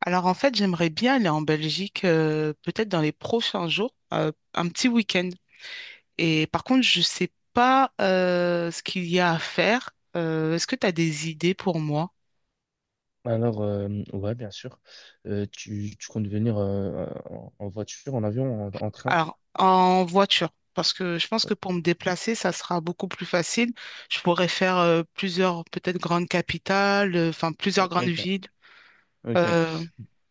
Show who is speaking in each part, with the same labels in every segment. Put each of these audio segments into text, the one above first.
Speaker 1: Alors en fait, j'aimerais bien aller en Belgique, peut-être dans les prochains jours, un petit week-end. Et par contre, je sais pas ce qu'il y a à faire. Est-ce que tu as des idées pour moi?
Speaker 2: Alors, ouais, bien sûr. Tu comptes venir en voiture, en avion, en train?
Speaker 1: Alors en voiture, parce que je pense que pour me déplacer, ça sera beaucoup plus facile. Je pourrais faire plusieurs, peut-être grandes capitales, enfin plusieurs grandes
Speaker 2: Ok,
Speaker 1: villes.
Speaker 2: ok.
Speaker 1: Euh,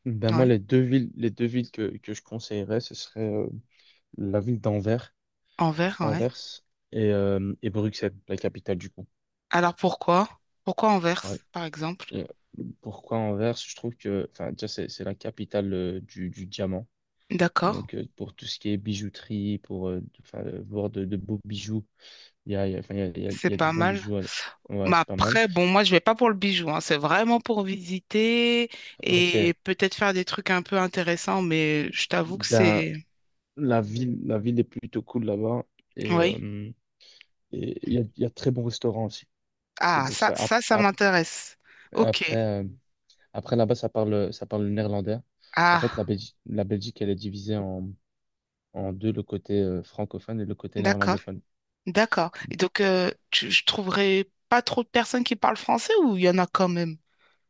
Speaker 2: Ben moi,
Speaker 1: ouais,
Speaker 2: les deux villes que je conseillerais, ce serait la ville d'Anvers,
Speaker 1: Anvers, ouais.
Speaker 2: Anvers et Bruxelles, la capitale du coup.
Speaker 1: Alors pourquoi? Pourquoi Anvers,
Speaker 2: Ouais.
Speaker 1: par exemple?
Speaker 2: Et pourquoi Anvers? Je trouve que, enfin, déjà, c'est la capitale du diamant.
Speaker 1: D'accord,
Speaker 2: Donc, pour tout ce qui est bijouterie, pour enfin, voir de beaux bijoux, enfin, il y a, il y a il y
Speaker 1: c'est
Speaker 2: a de
Speaker 1: pas
Speaker 2: bons
Speaker 1: mal.
Speaker 2: bijoux. Ouais,
Speaker 1: Mais
Speaker 2: c'est pas mal.
Speaker 1: après, bon, moi, je vais pas pour le bijou, hein. C'est vraiment pour visiter
Speaker 2: Ok.
Speaker 1: et peut-être faire des trucs un peu intéressants, mais je t'avoue que
Speaker 2: Ben,
Speaker 1: c'est...
Speaker 2: la ville est plutôt cool là-bas et
Speaker 1: Oui.
Speaker 2: euh, et il y a de très bons restaurants aussi. C'est
Speaker 1: Ah,
Speaker 2: pour
Speaker 1: ça,
Speaker 2: ça.
Speaker 1: ça, ça m'intéresse. Ok.
Speaker 2: Après, euh, après là-bas, ça parle le néerlandais. En fait, la
Speaker 1: Ah,
Speaker 2: Belgique, la Belgique, elle est divisée en, deux, le côté francophone et le côté
Speaker 1: d'accord,
Speaker 2: néerlandophone.
Speaker 1: d'accord. Et donc, je trouverai pas trop de personnes qui parlent français ou il y en a quand même?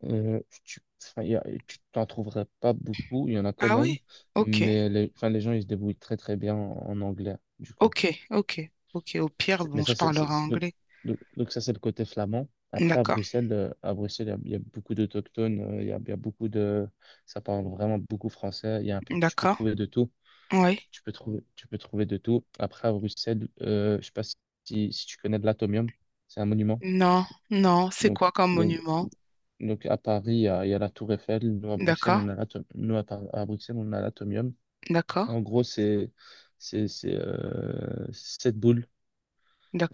Speaker 2: Enfin, tu t'en trouverais pas beaucoup, il y en a quand
Speaker 1: Ah
Speaker 2: même,
Speaker 1: oui. Ok,
Speaker 2: mais les gens, ils se débrouillent très très bien en anglais, du coup.
Speaker 1: ok, ok, ok. Au pire,
Speaker 2: Mais
Speaker 1: bon,
Speaker 2: ça,
Speaker 1: je parlerai
Speaker 2: donc,
Speaker 1: anglais.
Speaker 2: ça, c'est le côté flamand. Après, à
Speaker 1: D'accord,
Speaker 2: Bruxelles, euh, à Bruxelles, il y a beaucoup d'autochtones, il y a beaucoup de, ça parle vraiment beaucoup français. Il y a un peu, tu peux
Speaker 1: d'accord.
Speaker 2: trouver de tout.
Speaker 1: Oui.
Speaker 2: Tu peux trouver de tout. Après, à Bruxelles, je sais pas si, tu connais de l'Atomium, c'est un monument.
Speaker 1: Non, non. C'est quoi
Speaker 2: Donc,
Speaker 1: comme
Speaker 2: donc,
Speaker 1: monument?
Speaker 2: donc à Paris, il y a la Tour Eiffel. Nous, à Bruxelles,
Speaker 1: D'accord,
Speaker 2: on a à Bruxelles, on a l'Atomium.
Speaker 1: d'accord,
Speaker 2: En gros, c'est sept boules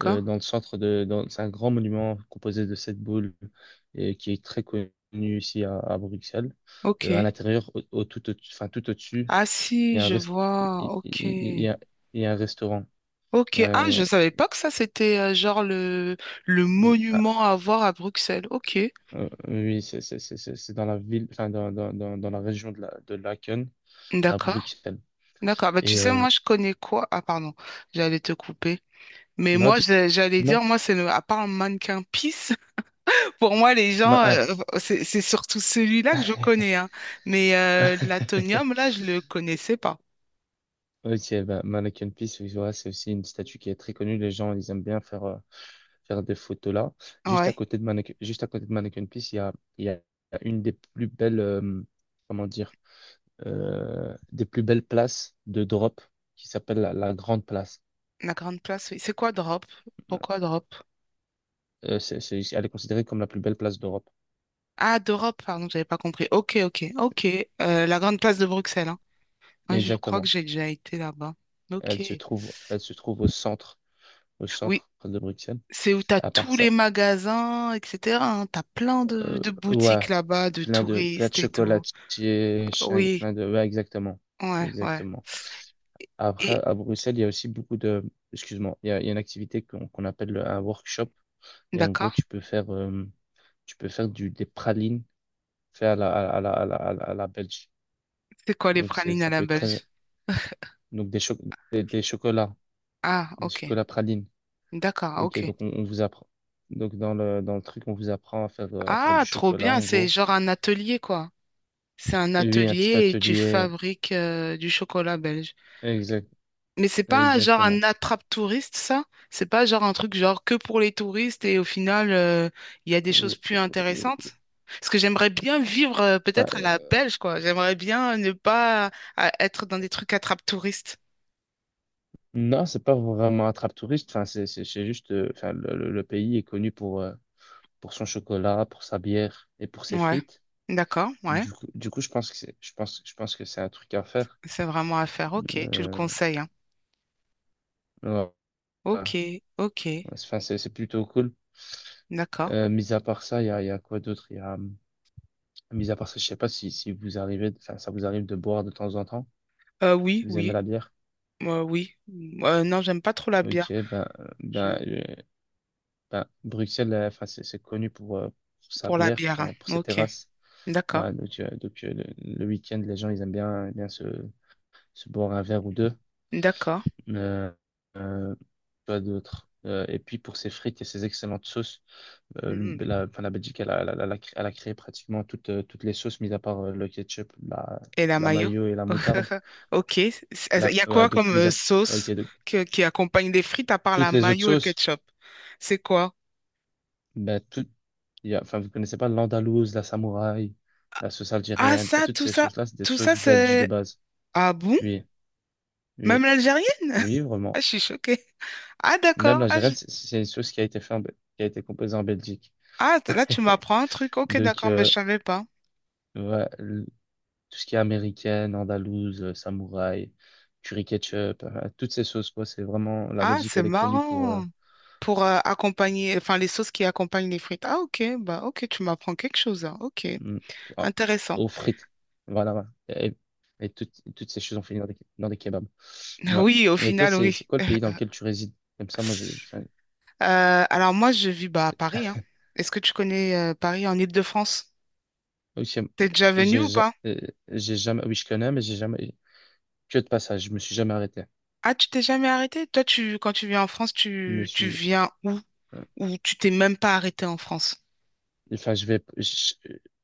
Speaker 2: dans le centre de, c'est un grand monument composé de sept boules et qui est très connu ici à Bruxelles. À
Speaker 1: Ok.
Speaker 2: l'intérieur, tout, enfin, tout au-dessus,
Speaker 1: Ah
Speaker 2: il y
Speaker 1: si,
Speaker 2: a un
Speaker 1: je
Speaker 2: rest-
Speaker 1: vois.
Speaker 2: il
Speaker 1: Ok.
Speaker 2: il- il y a, il y a un restaurant.
Speaker 1: Ok. Ah,
Speaker 2: Euh,
Speaker 1: je savais pas que ça, c'était genre le
Speaker 2: ah,
Speaker 1: monument à voir à Bruxelles. Ok.
Speaker 2: oui, c'est dans la ville, enfin, dans la région de la, de Laken à
Speaker 1: D'accord.
Speaker 2: Bruxelles.
Speaker 1: D'accord. Bah, tu
Speaker 2: Et
Speaker 1: sais, moi, je connais quoi? Ah, pardon. J'allais te couper. Mais
Speaker 2: non,
Speaker 1: moi, j'allais
Speaker 2: dis-moi,
Speaker 1: dire, moi, c'est à part un mannequin pisse, pour moi, les gens,
Speaker 2: ah.
Speaker 1: c'est surtout celui-là que je connais. Hein. Mais l'Atonium, là, je le connaissais pas.
Speaker 2: Ok, bah, Mannequin Peace, oui, voilà, c'est aussi une statue qui est très connue. Les gens, ils aiment bien faire des photos là.
Speaker 1: Ouais.
Speaker 2: Juste à côté de Mannequin Peace, il y a une des plus belles, comment dire, des plus belles places de drop qui s'appelle la Grande Place.
Speaker 1: La grande place, oui. C'est quoi Drop?
Speaker 2: Euh,
Speaker 1: Pourquoi Drop?
Speaker 2: elle est considérée comme la plus belle place d'Europe.
Speaker 1: Ah, d'Europe, pardon, j'avais pas compris. Ok, ok, ok. La grande place de Bruxelles, hein. Ouais, je crois que
Speaker 2: Exactement.
Speaker 1: j'ai déjà été là-bas. Ok.
Speaker 2: Elle se trouve au centre, au
Speaker 1: Oui,
Speaker 2: centre de Bruxelles.
Speaker 1: c'est où t'as
Speaker 2: À part
Speaker 1: tous les
Speaker 2: ça,
Speaker 1: magasins, etc., hein. T'as plein de, de
Speaker 2: Ouais,
Speaker 1: boutiques là-bas, de
Speaker 2: plein de
Speaker 1: touristes et tout.
Speaker 2: chocolatiers,
Speaker 1: Oui,
Speaker 2: plein de, ouais, exactement,
Speaker 1: ouais, ouais.
Speaker 2: exactement.
Speaker 1: Et
Speaker 2: Après, à Bruxelles, il y a aussi beaucoup de, excuse-moi, il y a une activité qu'on appelle un workshop. Et en gros,
Speaker 1: d'accord.
Speaker 2: tu peux faire du, des pralines faites à la Belge.
Speaker 1: C'est quoi les
Speaker 2: Donc, c'est,
Speaker 1: pralines à
Speaker 2: ça
Speaker 1: la
Speaker 2: peut être très,
Speaker 1: Belge?
Speaker 2: donc des, des, chocolats,
Speaker 1: Ah,
Speaker 2: des
Speaker 1: ok.
Speaker 2: chocolats pralines.
Speaker 1: D'accord,
Speaker 2: Ok,
Speaker 1: ok.
Speaker 2: donc on vous apprend. Donc, dans le truc, on vous apprend à faire du
Speaker 1: Ah, trop
Speaker 2: chocolat,
Speaker 1: bien.
Speaker 2: en
Speaker 1: C'est
Speaker 2: gros.
Speaker 1: genre un atelier, quoi. C'est un
Speaker 2: Et oui, un petit
Speaker 1: atelier et tu
Speaker 2: atelier,
Speaker 1: fabriques du chocolat belge.
Speaker 2: exact,
Speaker 1: Mais c'est pas genre un
Speaker 2: exactement.
Speaker 1: attrape-touriste, ça? C'est pas genre un truc genre que pour les touristes et au final, il y a des choses
Speaker 2: Euh,
Speaker 1: plus
Speaker 2: euh,
Speaker 1: intéressantes? Parce que j'aimerais bien vivre
Speaker 2: enfin,
Speaker 1: peut-être à la Belge, quoi. J'aimerais bien ne pas être dans des trucs attrape-touristes.
Speaker 2: non, c'est pas vraiment attrape-touriste. Enfin, c'est juste, enfin, le pays est connu pour son chocolat, pour sa bière et pour ses
Speaker 1: Ouais,
Speaker 2: frites.
Speaker 1: d'accord, ouais.
Speaker 2: Du coup, je pense que c'est un truc à faire.
Speaker 1: C'est vraiment à faire. Ok, tu le
Speaker 2: Euh,
Speaker 1: conseilles, hein.
Speaker 2: ouais, ouais.
Speaker 1: Ok, ok,
Speaker 2: Enfin, c'est plutôt cool.
Speaker 1: d'accord.
Speaker 2: Mis à part ça, il y a quoi d'autre? Mis à part ça, je sais pas si, vous arrivez, enfin, ça vous arrive de boire de temps en temps,
Speaker 1: Oui,
Speaker 2: si vous aimez
Speaker 1: oui,
Speaker 2: la bière.
Speaker 1: oui. Non, j'aime pas trop la
Speaker 2: Ok,
Speaker 1: bière. Je-
Speaker 2: ben, Ben, Bruxelles, enfin, c'est connu pour sa
Speaker 1: Pour la
Speaker 2: bière,
Speaker 1: bière, hein.
Speaker 2: enfin, pour ses
Speaker 1: Ok,
Speaker 2: terrasses. Voilà,
Speaker 1: d'accord,
Speaker 2: donc, le week-end, les gens, ils aiment bien se boire un verre ou deux.
Speaker 1: d'accord.
Speaker 2: Euh, euh, Pas d'autre. Et puis pour ses frites et ses excellentes sauces,
Speaker 1: Mhm.
Speaker 2: enfin, la Belgique, elle a créé pratiquement toutes les sauces, mis à part le ketchup, la,
Speaker 1: Et la
Speaker 2: la
Speaker 1: mayo.
Speaker 2: mayo et la moutarde.
Speaker 1: Ok. Il y a
Speaker 2: Ouais,
Speaker 1: quoi comme
Speaker 2: ok,
Speaker 1: sauce
Speaker 2: donc,
Speaker 1: qui accompagne des frites à part la
Speaker 2: toutes les autres
Speaker 1: mayo et le
Speaker 2: sauces.
Speaker 1: ketchup? C'est quoi?
Speaker 2: Ben, tout, il y a, enfin, vous connaissez pas l'andalouse, la samouraï, la sauce
Speaker 1: Ah,
Speaker 2: algérienne, enfin,
Speaker 1: ça,
Speaker 2: toutes
Speaker 1: tout
Speaker 2: ces
Speaker 1: ça,
Speaker 2: sauces-là, c'est des
Speaker 1: tout ça,
Speaker 2: sauces belges de
Speaker 1: c'est...
Speaker 2: base.
Speaker 1: Ah bon?
Speaker 2: Oui,
Speaker 1: Même
Speaker 2: oui,
Speaker 1: l'algérienne?
Speaker 2: oui,
Speaker 1: Ah,
Speaker 2: vraiment.
Speaker 1: je suis choquée. Ah,
Speaker 2: Même
Speaker 1: d'accord.
Speaker 2: l'algérienne, c'est une sauce qui a été faite, qui a été composée en Belgique.
Speaker 1: Là, tu m'apprends un truc. Ok,
Speaker 2: Donc,
Speaker 1: d'accord, mais je savais pas.
Speaker 2: ouais, tout ce qui est américaine, andalouse, samouraï, curry ketchup, toutes ces sauces, quoi, c'est vraiment, la
Speaker 1: Ah,
Speaker 2: Belgique,
Speaker 1: c'est
Speaker 2: elle est connue pour,
Speaker 1: marrant. Pour accompagner, enfin, les sauces qui accompagnent les frites. Ah, ok, bah, ok, tu m'apprends quelque chose, hein. Ok,
Speaker 2: Mm. Ah,
Speaker 1: intéressant.
Speaker 2: aux frites. Voilà, voilà. Et toutes ces choses ont fini dans des kebabs. Ouais.
Speaker 1: Oui, au
Speaker 2: Et toi,
Speaker 1: final,
Speaker 2: c'est
Speaker 1: oui.
Speaker 2: quoi le pays dans lequel tu résides? Comme ça, moi, enfin,
Speaker 1: Alors moi, je vis bah, à Paris, hein. Est-ce que tu connais Paris en Île-de-France?
Speaker 2: aussi,
Speaker 1: T'es déjà venu
Speaker 2: j'ai,
Speaker 1: ou
Speaker 2: ja-
Speaker 1: pas?
Speaker 2: euh, j'ai jamais, oui, je connais, mais j'ai jamais, que de passage, je me suis jamais arrêté.
Speaker 1: Ah, tu t'es jamais arrêté? Toi, quand tu viens en France,
Speaker 2: Je me
Speaker 1: tu
Speaker 2: suis,
Speaker 1: viens où?
Speaker 2: euh,
Speaker 1: Ou tu t'es même pas arrêté en France?
Speaker 2: enfin, je vais,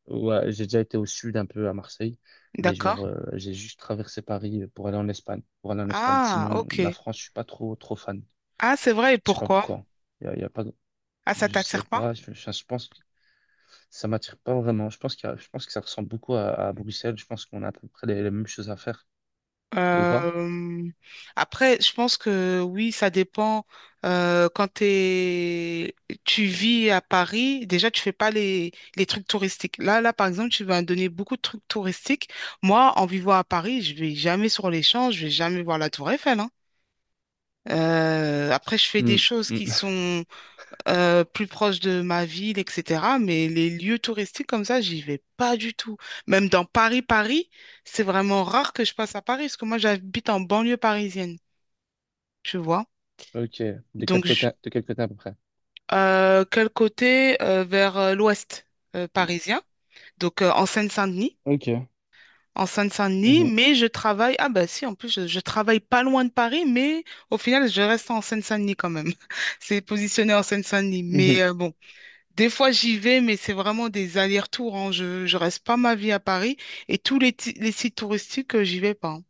Speaker 2: ouais, j'ai déjà été au sud un peu à Marseille, mais
Speaker 1: D'accord.
Speaker 2: genre, j'ai juste traversé Paris pour aller en Espagne.
Speaker 1: Ah,
Speaker 2: Sinon, la
Speaker 1: ok.
Speaker 2: France, je suis pas trop, trop fan.
Speaker 1: Ah, c'est vrai, et
Speaker 2: Je sais pas
Speaker 1: pourquoi?
Speaker 2: pourquoi. Il y a, y a pas.
Speaker 1: Ah, ça
Speaker 2: Je sais
Speaker 1: t'attire pas?
Speaker 2: pas, je pense que ça m'attire pas vraiment. Je pense qu'il y a- je pense que ça ressemble beaucoup à Bruxelles. Je pense qu'on a à peu près les mêmes choses à faire, ou pas?
Speaker 1: Euh, Après, je pense que oui, ça dépend. Euh, quand t'es, tu vis à Paris, déjà, tu fais pas les trucs touristiques. Là, là, par exemple, tu vas me donner beaucoup de trucs touristiques. Moi, en vivant à Paris, je vais jamais sur les Champs, je vais jamais voir la Tour Eiffel, hein. Après, je fais des
Speaker 2: Hmm,
Speaker 1: choses
Speaker 2: hmm.
Speaker 1: qui sont plus proche de ma ville, etc. Mais les lieux touristiques comme ça, j'y vais pas du tout. Même dans Paris, Paris, c'est vraiment rare que je passe à Paris, parce que moi, j'habite en banlieue parisienne, tu vois.
Speaker 2: Ok, de quel
Speaker 1: Donc, je-
Speaker 2: côté, de quel côté à peu près?
Speaker 1: Quel côté? Vers l'ouest parisien, donc en Seine-Saint-Denis.
Speaker 2: Ok.
Speaker 1: En Seine-Saint-Denis,
Speaker 2: Mhm.
Speaker 1: mais je travaille. Ah, bah si, en plus, je travaille pas loin de Paris, mais au final, je reste en Seine-Saint-Denis quand même. C'est positionné en Seine-Saint-Denis.
Speaker 2: Mhm.
Speaker 1: Mais bon. Des fois, j'y vais, mais c'est vraiment des allers-retours, hein. Je reste pas ma vie à Paris et tous les sites touristiques, j'y vais pas, hein.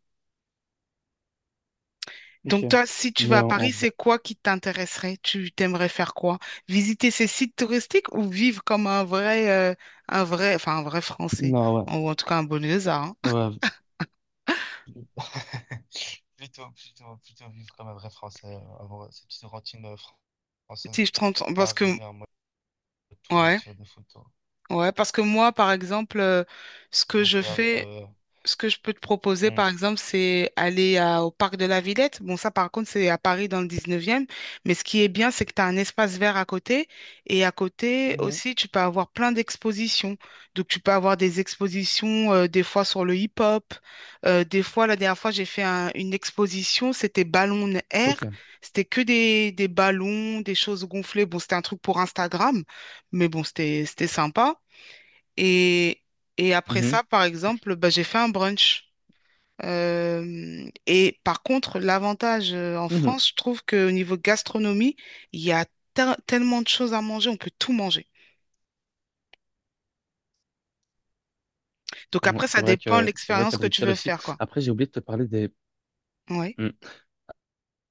Speaker 2: Ok.
Speaker 1: Donc, toi, si tu vas
Speaker 2: Mais
Speaker 1: à
Speaker 2: en
Speaker 1: Paris,
Speaker 2: vrai,
Speaker 1: c'est quoi qui t'intéresserait? Tu t'aimerais faire quoi? Visiter ces sites touristiques ou vivre comme un vrai Français,
Speaker 2: non, ouais.
Speaker 1: ou en tout cas un Boniosa, hein.
Speaker 2: Ouais. Plutôt vivre comme un vrai Français, avoir ces petites routines
Speaker 1: Si
Speaker 2: françaises,
Speaker 1: je t'entends,
Speaker 2: pas
Speaker 1: parce que,
Speaker 2: arriver en mode
Speaker 1: ouais,
Speaker 2: touriste, faire des photos.
Speaker 1: ouais, parce que moi, par exemple, ce que je
Speaker 2: Donc, euh,
Speaker 1: fais,
Speaker 2: euh,
Speaker 1: ce que je peux te proposer, par exemple, c'est aller au parc de la Villette. Bon, ça, par contre, c'est à Paris dans le 19e. Mais ce qui est bien, c'est que tu as un espace vert à côté. Et à côté
Speaker 2: hmm. Mhm.
Speaker 1: aussi, tu peux avoir plein d'expositions. Donc, tu peux avoir des expositions, des fois sur le hip-hop. Des fois, la dernière fois, j'ai fait une exposition, c'était Ballon Air.
Speaker 2: Ok.
Speaker 1: C'était que des ballons, des choses gonflées. Bon, c'était un truc pour Instagram. Mais bon, c'était sympa. Et, et après
Speaker 2: Mhm.
Speaker 1: ça, par exemple, bah, j'ai fait un brunch. Et par contre, l'avantage en
Speaker 2: Mhm.
Speaker 1: France, je trouve qu'au niveau gastronomie, il y a tellement de choses à manger, on peut tout manger. Donc
Speaker 2: Mmh, ouais,
Speaker 1: après,
Speaker 2: c'est
Speaker 1: ça
Speaker 2: vrai
Speaker 1: dépend de
Speaker 2: qu'à
Speaker 1: l'expérience que tu
Speaker 2: Bruxelles
Speaker 1: veux
Speaker 2: aussi.
Speaker 1: faire, quoi.
Speaker 2: Après, j'ai oublié de te parler des.
Speaker 1: Oui.
Speaker 2: Hmm.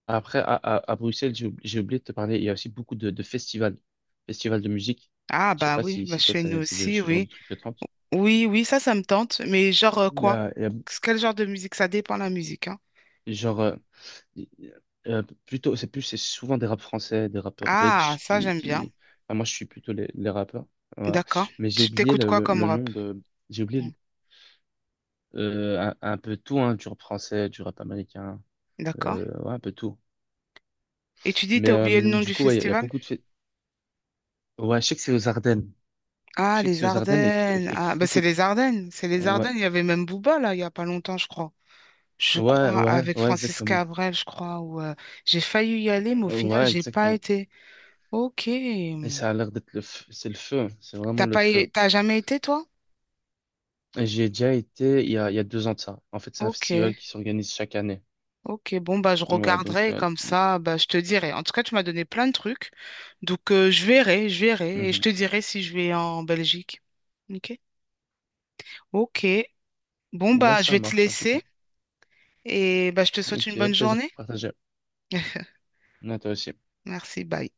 Speaker 2: Après, à Bruxelles, j'ai oublié de te parler. Il y a aussi beaucoup de festivals, festivals de musique.
Speaker 1: Ah
Speaker 2: Je sais
Speaker 1: bah
Speaker 2: pas
Speaker 1: oui,
Speaker 2: si,
Speaker 1: bah
Speaker 2: toi,
Speaker 1: chez nous aussi,
Speaker 2: ce genre
Speaker 1: oui.
Speaker 2: de truc de trente.
Speaker 1: Oui, oui, ça me tente. Mais genre
Speaker 2: Il y
Speaker 1: quoi?
Speaker 2: a- il y a-
Speaker 1: Quel genre de musique? Ça dépend de la musique, hein.
Speaker 2: genre, il- plutôt, c'est plus, c'est souvent des rap français, des rappeurs
Speaker 1: Ah,
Speaker 2: belges
Speaker 1: ça,
Speaker 2: qui,
Speaker 1: j'aime bien.
Speaker 2: qui... enfin, moi, je suis plutôt les rappeurs. Voilà.
Speaker 1: D'accord.
Speaker 2: Mais j'ai
Speaker 1: Tu
Speaker 2: oublié
Speaker 1: t'écoutes
Speaker 2: le,
Speaker 1: quoi
Speaker 2: le,
Speaker 1: comme
Speaker 2: le
Speaker 1: rap?
Speaker 2: nom de. J'ai oublié un peu tout, hein, du rap français, du rap américain,
Speaker 1: D'accord.
Speaker 2: ouais, un peu tout.
Speaker 1: Et tu dis,
Speaker 2: Mais
Speaker 1: t'as oublié le nom
Speaker 2: du
Speaker 1: du
Speaker 2: coup, ouais, il y a
Speaker 1: festival?
Speaker 2: beaucoup de fêtes. Ouais, je sais que c'est aux Ardennes. Je
Speaker 1: Ah,
Speaker 2: sais que
Speaker 1: les
Speaker 2: c'est aux Ardennes et, que-
Speaker 1: Ardennes.
Speaker 2: et
Speaker 1: Ah,
Speaker 2: que
Speaker 1: bah
Speaker 2: beaucoup
Speaker 1: c'est
Speaker 2: de...
Speaker 1: les Ardennes. C'est les
Speaker 2: Ouais,
Speaker 1: Ardennes. Il y avait même Booba, là, il n'y a pas longtemps, je crois. Je
Speaker 2: ouais,
Speaker 1: crois,
Speaker 2: ouais,
Speaker 1: avec
Speaker 2: ouais,
Speaker 1: Francis
Speaker 2: exactement.
Speaker 1: Cabrel, je crois, où j'ai failli y aller, mais au final,
Speaker 2: Ouais,
Speaker 1: j'ai pas
Speaker 2: exactement.
Speaker 1: été. Ok.
Speaker 2: Et ça a l'air d'être le feu. C'est le feu, hein. C'est vraiment
Speaker 1: T'as
Speaker 2: le
Speaker 1: pas, é-
Speaker 2: feu.
Speaker 1: T'as jamais été, toi?
Speaker 2: Et j'y ai déjà été il y a 2 ans de ça. En fait, c'est un
Speaker 1: Ok.
Speaker 2: festival qui s'organise chaque année.
Speaker 1: Ok. Bon, bah, je
Speaker 2: Ouais, donc...
Speaker 1: regarderai
Speaker 2: euh,
Speaker 1: comme ça, bah, je te dirai. En tout cas, tu m'as donné plein de trucs. Donc, je verrai, je verrai. Et je
Speaker 2: mhm.
Speaker 1: te dirai si je vais en Belgique. Ok. Ok. Bon,
Speaker 2: Là,
Speaker 1: bah, je
Speaker 2: ça
Speaker 1: vais te
Speaker 2: marche, en tout cas.
Speaker 1: laisser. Et bah, je te souhaite une
Speaker 2: Ok,
Speaker 1: bonne
Speaker 2: plaisir
Speaker 1: journée.
Speaker 2: partagé. À toi aussi.
Speaker 1: Merci. Bye.